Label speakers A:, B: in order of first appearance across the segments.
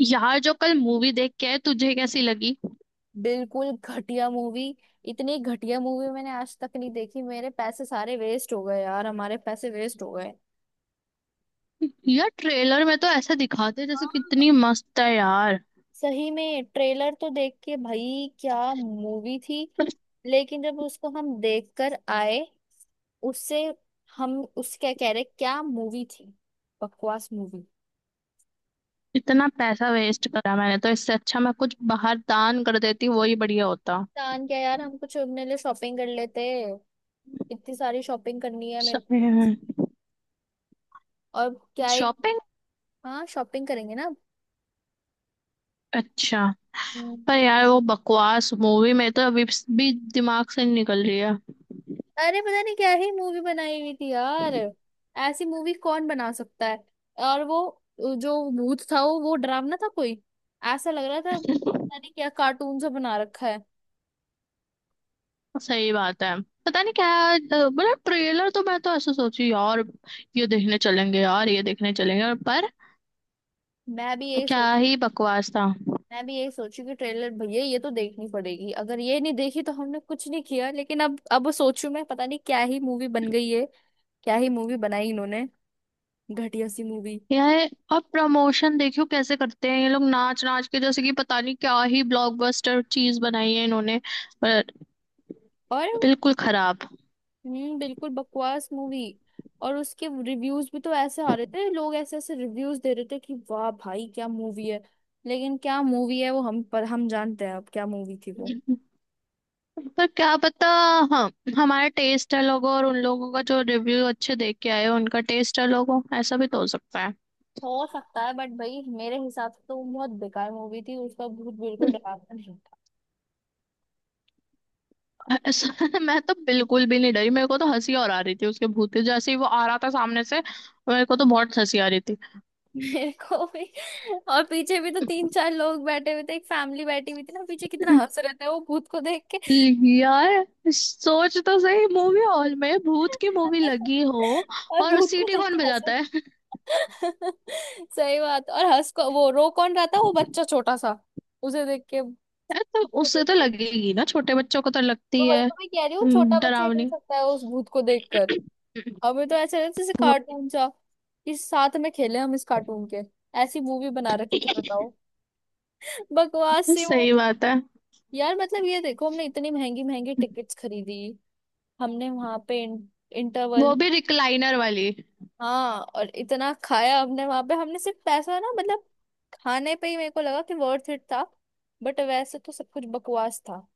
A: यार जो कल मूवी देख के आए तुझे कैसी लगी।
B: बिल्कुल घटिया मूवी। इतनी घटिया मूवी मैंने आज तक नहीं देखी। मेरे पैसे सारे वेस्ट हो गए यार, हमारे पैसे वेस्ट हो गए।
A: यार ट्रेलर में तो ऐसा दिखाते हैं जैसे
B: हाँ,
A: कितनी मस्त है। यार
B: सही में ट्रेलर तो देख के, भाई क्या मूवी थी। लेकिन जब उसको हम देख कर आए उससे, हम उस क्या कह रहे, क्या मूवी थी। बकवास मूवी।
A: इतना पैसा वेस्ट करा, मैंने तो इससे अच्छा मैं कुछ बाहर दान कर देती, वही बढ़िया होता।
B: कान क्या यार, हम कुछ अपने लिए शॉपिंग कर लेते। इतनी सारी शॉपिंग करनी है मेरे को।
A: शॉपिंग।
B: और क्या ही। हाँ, शॉपिंग करेंगे
A: अच्छा।
B: ना।
A: पर यार वो बकवास मूवी में तो अभी भी दिमाग से नहीं निकल रही है।
B: अरे पता नहीं क्या ही मूवी बनाई हुई थी यार। ऐसी मूवी कौन बना सकता है। और वो जो भूत था, वो डरावना था कोई, ऐसा लग रहा था पता नहीं क्या, कार्टून सा बना रखा है।
A: सही बात है। पता नहीं क्या। मतलब ट्रेलर तो मैं तो ऐसा सोची, यार ये देखने चलेंगे, यार ये देखने चलेंगे और पर
B: मैं भी यही
A: क्या
B: सोच,
A: ही बकवास था।
B: मैं भी यही सोची कि ट्रेलर, भैया ये तो देखनी पड़ेगी, अगर ये नहीं देखी तो हमने कुछ नहीं किया। लेकिन अब सोचू मैं, पता नहीं क्या ही मूवी बन गई है। क्या ही मूवी बनाई इन्होंने। घटिया सी मूवी।
A: यार अब प्रमोशन देखियो कैसे करते हैं ये लोग, नाच नाच के जैसे कि पता नहीं क्या ही ब्लॉकबस्टर चीज बनाई है इन्होंने। पर
B: और
A: बिल्कुल खराब।
B: हम्म, बिल्कुल बकवास मूवी। और उसके रिव्यूज भी तो ऐसे आ रहे थे, लोग ऐसे ऐसे रिव्यूज दे रहे थे कि वाह भाई क्या मूवी है। लेकिन क्या मूवी है वो, हम पर हम जानते हैं अब क्या मूवी थी वो।
A: पर क्या पता। हाँ, हमारा टेस्ट है लोगों और उन लोगों का जो रिव्यू अच्छे देख के आए हो, उनका टेस्ट है लोगों, ऐसा भी तो हो सकता है।
B: हो सकता है, बट भाई मेरे हिसाब से तो वो बहुत बेकार मूवी थी, उसका भूत बिल्कुल डरावना नहीं था।
A: ऐसा मैं तो बिल्कुल भी नहीं डरी, मेरे को तो हंसी और आ रही थी उसके भूत की। जैसे ही वो आ रहा था सामने से, मेरे को तो बहुत हंसी आ रही थी।
B: मेरे को भी। और पीछे भी तो तीन चार लोग बैठे हुए थे, एक फैमिली बैठी हुई थी ना पीछे, कितना हंस रहे थे वो भूत को देख के।
A: यार सोच तो सही, मूवी हॉल में भूत की मूवी लगी हो
B: और
A: और
B: भूत को
A: सीटी
B: देख
A: कौन
B: के हंस।
A: बजाता है।
B: सही बात। और हंस को, वो रो कौन रहा था, वो बच्चा छोटा सा, उसे देख के,
A: यार तो
B: उसको
A: उससे
B: देख
A: तो
B: के।
A: लगेगी ना, छोटे बच्चों को तो
B: तो
A: लगती
B: वही
A: है
B: तो मैं कह रही हूँ, छोटा बच्चा ही रो
A: डरावनी।
B: सकता है उस भूत को देखकर। हमें तो ऐसे लगता है जैसे
A: वही।
B: कार्टून सा, कि साथ में खेले हम इस कार्टून के। ऐसी मूवी बना रखी थी बताओ। बकवास सी वो।
A: सही बात है।
B: यार मतलब ये देखो, हमने इतनी महंगी महंगी टिकट्स खरीदी, हमने वहां पे इंटरवल,
A: वो भी रिक्लाइनर वाली।
B: हाँ और इतना खाया हमने वहां पे, हमने सिर्फ पैसा, ना मतलब, खाने पे ही मेरे को लगा कि वर्थ इट था, बट वैसे तो सब कुछ बकवास था।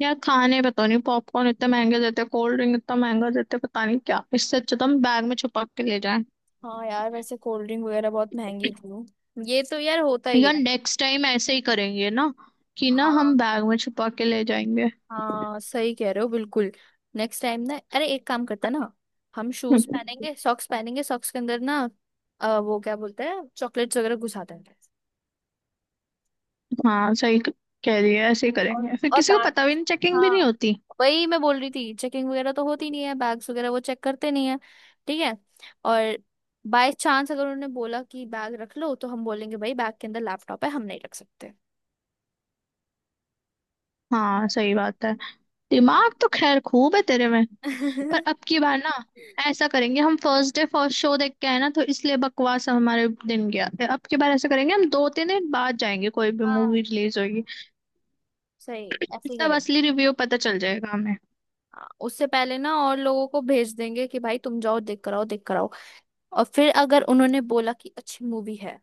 A: यार खाने पता नहीं, पॉपकॉर्न इतने महंगे देते, कोल्ड ड्रिंक इतना महंगा देते, पता नहीं क्या। इससे अच्छा तो हम बैग में छुपा के ले जाएं।
B: हाँ यार, वैसे कोल्ड ड्रिंक वगैरह बहुत महंगी थी, ये तो यार होता ही
A: यार
B: है।
A: नेक्स्ट टाइम ऐसे ही करेंगे ना, कि ना
B: हाँ,
A: हम बैग में छुपा के ले जाएंगे।
B: हाँ सही कह रहे हो बिल्कुल। नेक्स्ट टाइम ना, अरे एक काम करते हैं ना, हम शूज पहनेंगे, सॉक्स पहनेंगे, सॉक्स के अंदर ना, वो क्या बोलते हैं, चॉकलेट्स वगैरह घुसा देंगे।
A: हाँ सही कह रही है ऐसे ही
B: और
A: करेंगे फिर,
B: और
A: किसी को
B: बैग,
A: पता भी नहीं, चेकिंग भी नहीं
B: हाँ,
A: होती।
B: वही मैं बोल रही थी, चेकिंग वगैरह तो होती नहीं है, बैग्स वगैरह वो चेक करते नहीं है। ठीक है। और बाय चांस अगर उन्होंने बोला कि बैग रख लो, तो हम बोलेंगे भाई बैग के अंदर लैपटॉप है, हम नहीं रख सकते।
A: हाँ सही बात है।
B: हाँ।
A: दिमाग तो खैर खूब है तेरे में। पर अब की बार ना, ऐसा करेंगे, हम फर्स्ट डे फर्स्ट शो देख के आए ना तो इसलिए बकवास हमारे दिन गया। अब की बार ऐसा करेंगे, हम दो तीन दिन बाद जाएंगे कोई भी
B: हाँ
A: मूवी रिलीज होगी।
B: सही, ऐसे ही
A: तब
B: करेंगे।
A: असली रिव्यू पता चल जाएगा हमें।
B: हाँ, उससे पहले ना और लोगों को भेज देंगे कि भाई तुम जाओ देख कर आओ, देख कर आओ। और फिर अगर उन्होंने बोला कि अच्छी मूवी है,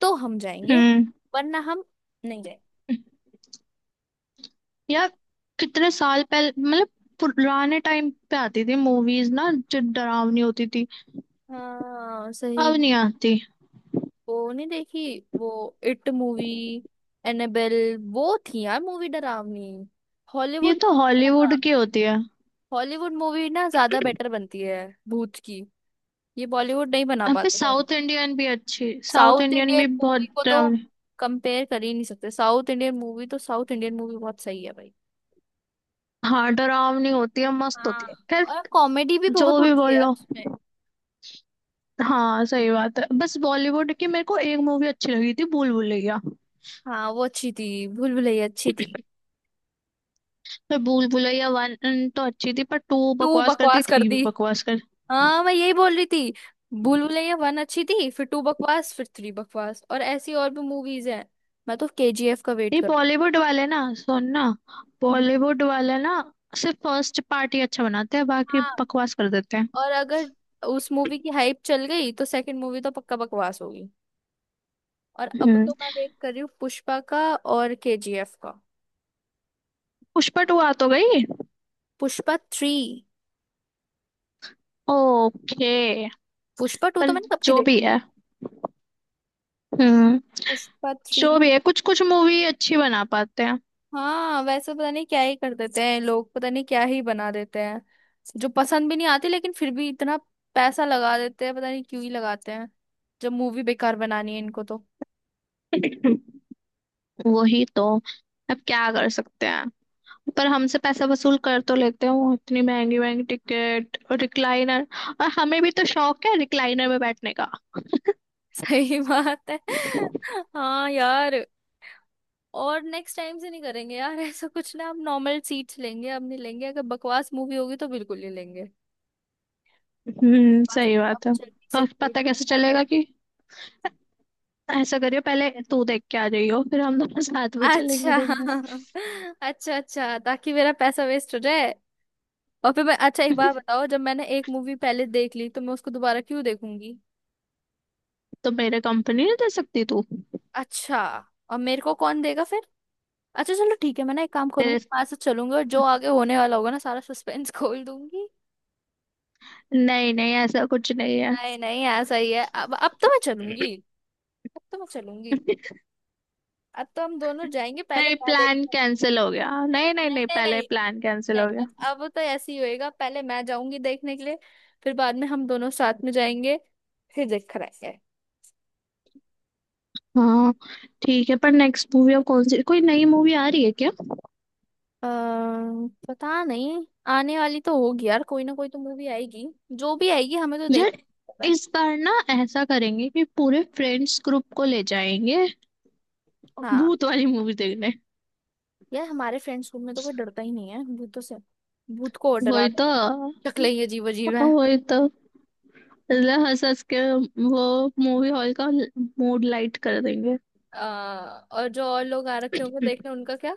B: तो हम जाएंगे,
A: हम्म।
B: वरना हम नहीं जाएंगे।
A: यार कितने साल पहले मतलब पुराने टाइम पे आती थी मूवीज ना, जो डरावनी होती थी।
B: हाँ सही।
A: अब नहीं आती।
B: वो नहीं देखी वो, इट मूवी, एनेबेल, वो थी यार मूवी डरावनी।
A: ये
B: हॉलीवुड
A: तो हॉलीवुड
B: ज्यादा,
A: की होती है।
B: हॉलीवुड मूवी ना ज्यादा बेटर बनती है भूत की, ये बॉलीवुड नहीं बना
A: यहाँ पे
B: पाते ज्यादा।
A: साउथ इंडियन भी अच्छी, साउथ
B: साउथ
A: इंडियन भी
B: इंडियन मूवी
A: बहुत
B: को तो
A: डरावनी।
B: कंपेयर कर ही नहीं सकते, साउथ इंडियन मूवी तो, साउथ इंडियन मूवी बहुत सही है भाई।
A: हाँ डरावनी होती है, मस्त होती
B: हाँ,
A: है। खैर
B: और कॉमेडी भी
A: जो
B: बहुत
A: भी
B: होती है
A: बोल
B: यार
A: लो,
B: उसमें।
A: हाँ सही बात है। बस बॉलीवुड की मेरे को एक मूवी अच्छी लगी थी, भूल भुलैया।
B: हाँ वो अच्छी थी, भूल भुलैया अच्छी थी।
A: पर भूल भुलैया वन तो अच्छी थी, पर टू
B: टू
A: बकवास कर दी,
B: बकवास कर
A: थ्री भी
B: दी,
A: बकवास कर।
B: हाँ मैं यही बोल रही थी। भूल भुलैया वन अच्छी थी, फिर टू बकवास, फिर थ्री बकवास, और ऐसी और भी मूवीज हैं। मैं तो केजीएफ का वेट
A: ये
B: कर,
A: बॉलीवुड वाले ना, सुनना,
B: हम्म।
A: बॉलीवुड वाले ना सिर्फ फर्स्ट पार्ट ही अच्छा बनाते हैं, बाकी
B: हाँ,
A: बकवास कर देते हैं।
B: और अगर उस मूवी की हाइप चल गई तो सेकंड मूवी तो पक्का बकवास होगी। और अब
A: हम्म।
B: तो मैं वेट कर रही हूँ पुष्पा का और केजीएफ का।
A: पुष्पा टू आ तो गई।
B: Pushpa three.
A: Okay.
B: Pushpa two तो
A: पर
B: मैंने कब की
A: जो भी
B: देखी।
A: है। हम्म।
B: पुष्पा थ्री।
A: जो भी है, कुछ कुछ मूवी अच्छी बना पाते हैं।
B: हाँ वैसे पता नहीं क्या ही कर देते हैं लोग, पता नहीं क्या ही बना देते हैं, जो पसंद भी नहीं आती, लेकिन फिर भी इतना पैसा लगा देते हैं, पता नहीं क्यों ही लगाते हैं, जब मूवी बेकार बनानी है इनको तो।
A: वही तो, अब क्या कर सकते हैं। पर हमसे पैसा वसूल कर तो लेते हैं वो, इतनी महंगी महंगी टिकट और रिक्लाइनर। और हमें भी तो शौक है रिक्लाइनर में बैठने का।
B: सही बात है। हाँ यार, और नेक्स्ट टाइम से नहीं करेंगे यार ऐसा कुछ, ना हम नॉर्मल सीट्स लेंगे, अब नहीं लेंगे, अगर बकवास मूवी होगी तो बिल्कुल नहीं लेंगे। बस।
A: सही
B: अब
A: बात है।
B: जल्दी से
A: तो
B: खेल
A: पता
B: के
A: कैसे
B: खा
A: चलेगा
B: जाओ।
A: कि, ऐसा करियो पहले तू देख के आ जाइयो, फिर हम दोनों साथ में चलेंगे
B: अच्छा।
A: देखने।
B: अच्छा अच्छा, ताकि मेरा पैसा वेस्ट हो जाए। और फिर मैं, अच्छा एक बार बताओ, जब मैंने एक मूवी पहले देख ली तो मैं उसको दोबारा क्यों देखूंगी।
A: तो मेरे कंपनी नहीं दे सकती तू।
B: अच्छा। और मेरे को कौन देगा फिर। अच्छा चलो ठीक है, मैं ना एक काम
A: तेरे,
B: करूंगी, आज से चलूंगी, और जो आगे होने वाला होगा ना सारा सस्पेंस खोल दूंगी।
A: नहीं नहीं ऐसा कुछ नहीं है।
B: नहीं नहीं, ऐसा ही है, अब तो मैं चलूंगी, अब तो मैं चलूंगी। अब तो हम दोनों जाएंगे, पहले
A: नहीं,
B: मैं
A: प्लान
B: देखते हैं।
A: कैंसिल हो गया, नहीं नहीं
B: नहीं
A: नहीं
B: नहीं
A: पहले
B: नहीं।
A: प्लान कैंसिल
B: नहीं
A: हो गया।
B: अब तो ऐसे ही होएगा, पहले मैं जाऊंगी देखने के लिए, फिर बाद में हम दोनों साथ में जाएंगे, फिर देख कर आएंगे।
A: हाँ ठीक है। पर नेक्स्ट मूवी अब कौन सी, कोई नई मूवी आ रही है क्या।
B: अ, पता नहीं, आने वाली तो होगी यार, कोई ना कोई तो मूवी आएगी, जो भी आएगी हमें तो देख।
A: यार इस बार ना ऐसा करेंगे कि पूरे फ्रेंड्स ग्रुप को ले जाएंगे,
B: हाँ।
A: भूत वाली मूवी देखने।
B: यार हमारे फ्रेंड्स ग्रुप में तो कोई डरता ही नहीं है भूतों से, भूत को और डरा
A: वही
B: दे,
A: तो।
B: शक्लें ही अजीब अजीब है।
A: वही तो, मतलब हंस हंस के वो मूवी हॉल का मूड लाइट कर देंगे।
B: आ, और जो और लोग आ रखे होंगे देखने उनका क्या।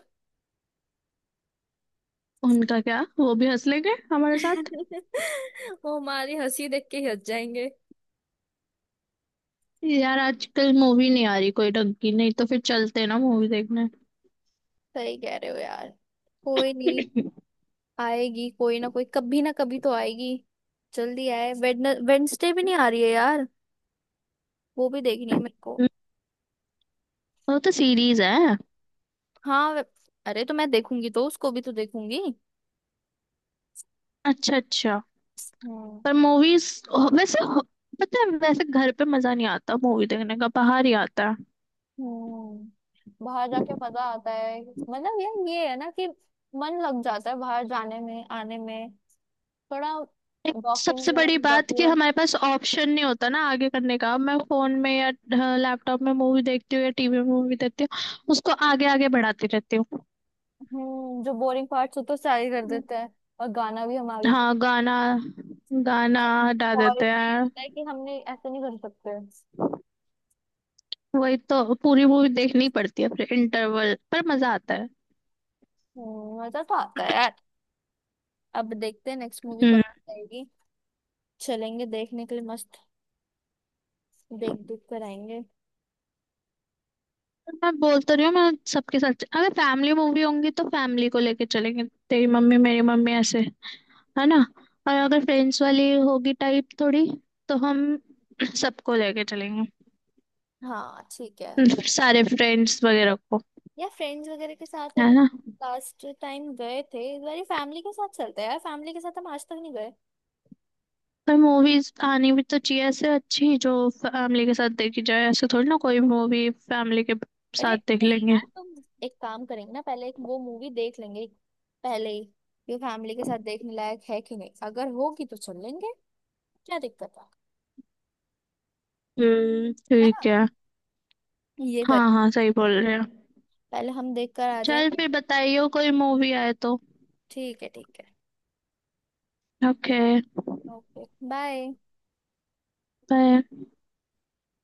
A: उनका क्या, वो भी हंस लेंगे हमारे साथ।
B: वो हमारी हंसी देख के ही हंस जाएंगे।
A: यार आजकल मूवी नहीं आ रही कोई ढंग की, नहीं तो फिर चलते ना मूवी देखने।
B: सही कह रहे हो यार। कोई नहीं, आएगी कोई ना कोई, कभी ना कभी तो आएगी। जल्दी आए, वेडनेसडे भी नहीं आ रही है यार, वो भी देखनी है मेरे को।
A: वो तो सीरीज है।
B: हाँ, अरे तो मैं देखूंगी तो उसको भी तो देखूंगी।
A: अच्छा अच्छा।
B: हम्म।
A: पर मूवीज वैसे हो- पता है, वैसे घर पे मजा नहीं आता मूवी देखने का, बाहर ही आता है।
B: हम्म, बाहर जाके मजा आता है, मतलब यार ये है ना कि मन लग जाता है बाहर जाने में आने में, थोड़ा
A: एक
B: वॉकिंग
A: सबसे
B: वगैरह
A: बड़ी
B: हो
A: बात
B: जाती
A: कि
B: है।
A: हमारे पास ऑप्शन नहीं होता ना आगे करने का। अब मैं फोन में या लैपटॉप में मूवी देखती हूँ या टीवी में मूवी देखती हूँ, उसको आगे आगे बढ़ाती रहती हूँ।
B: हम्म, जो बोरिंग पार्ट्स होते हैं सारे कर देते हैं, और गाना भी हम आगे कर,
A: हाँ गाना, गाना
B: और
A: हटा देते
B: quality ये
A: हैं।
B: होता है कि हमने ऐसे नहीं कर सकते।
A: वही तो, पूरी मूवी देखनी पड़ती है, फिर इंटरवल पर मजा आता है।
B: हम्म, मजा तो आता है यार। अब देखते हैं नेक्स्ट मूवी कब
A: हम्म।
B: आएगी, चलेंगे देखने के लिए, मस्त देख दुख कर आएंगे।
A: मैं बोल तो रही हूँ, मैं सबके साथ अगर फैमिली मूवी होंगी तो फैमिली को लेके चलेंगे, तेरी मम्मी मेरी मम्मी ऐसे, है ना। और अगर फ्रेंड्स वाली होगी टाइप थोड़ी, तो हम सबको लेके चलेंगे।
B: हाँ ठीक है।
A: सारे फ्रेंड्स वगैरह को,
B: या फ्रेंड्स वगैरह के साथ
A: है
B: अभी
A: ना।
B: लास्ट टाइम गए थे, इस बार फैमिली के साथ चलते हैं यार, फैमिली के साथ हम आज तक नहीं गए।
A: पर मूवीज आनी भी तो चाहिए ऐसे अच्छी जो फैमिली के साथ देखी जाए, ऐसे थोड़ी ना कोई मूवी फैमिली के
B: अरे
A: साथ देख
B: नहीं यार
A: लेंगे।
B: तुम, एक काम करेंगे ना, पहले एक वो मूवी देख लेंगे, पहले ही, ये फैमिली के साथ देखने लायक है कि नहीं, अगर होगी तो चल लेंगे, क्या दिक्कत है। है
A: ठीक
B: ना,
A: है।
B: ये करें।
A: हाँ हाँ सही बोल रहे हो।
B: पहले हम देख कर आ
A: चल
B: जाएंगे।
A: फिर बताइयो कोई मूवी आए तो।
B: ठीक है ठीक है।
A: Okay
B: okay bye.
A: बाय।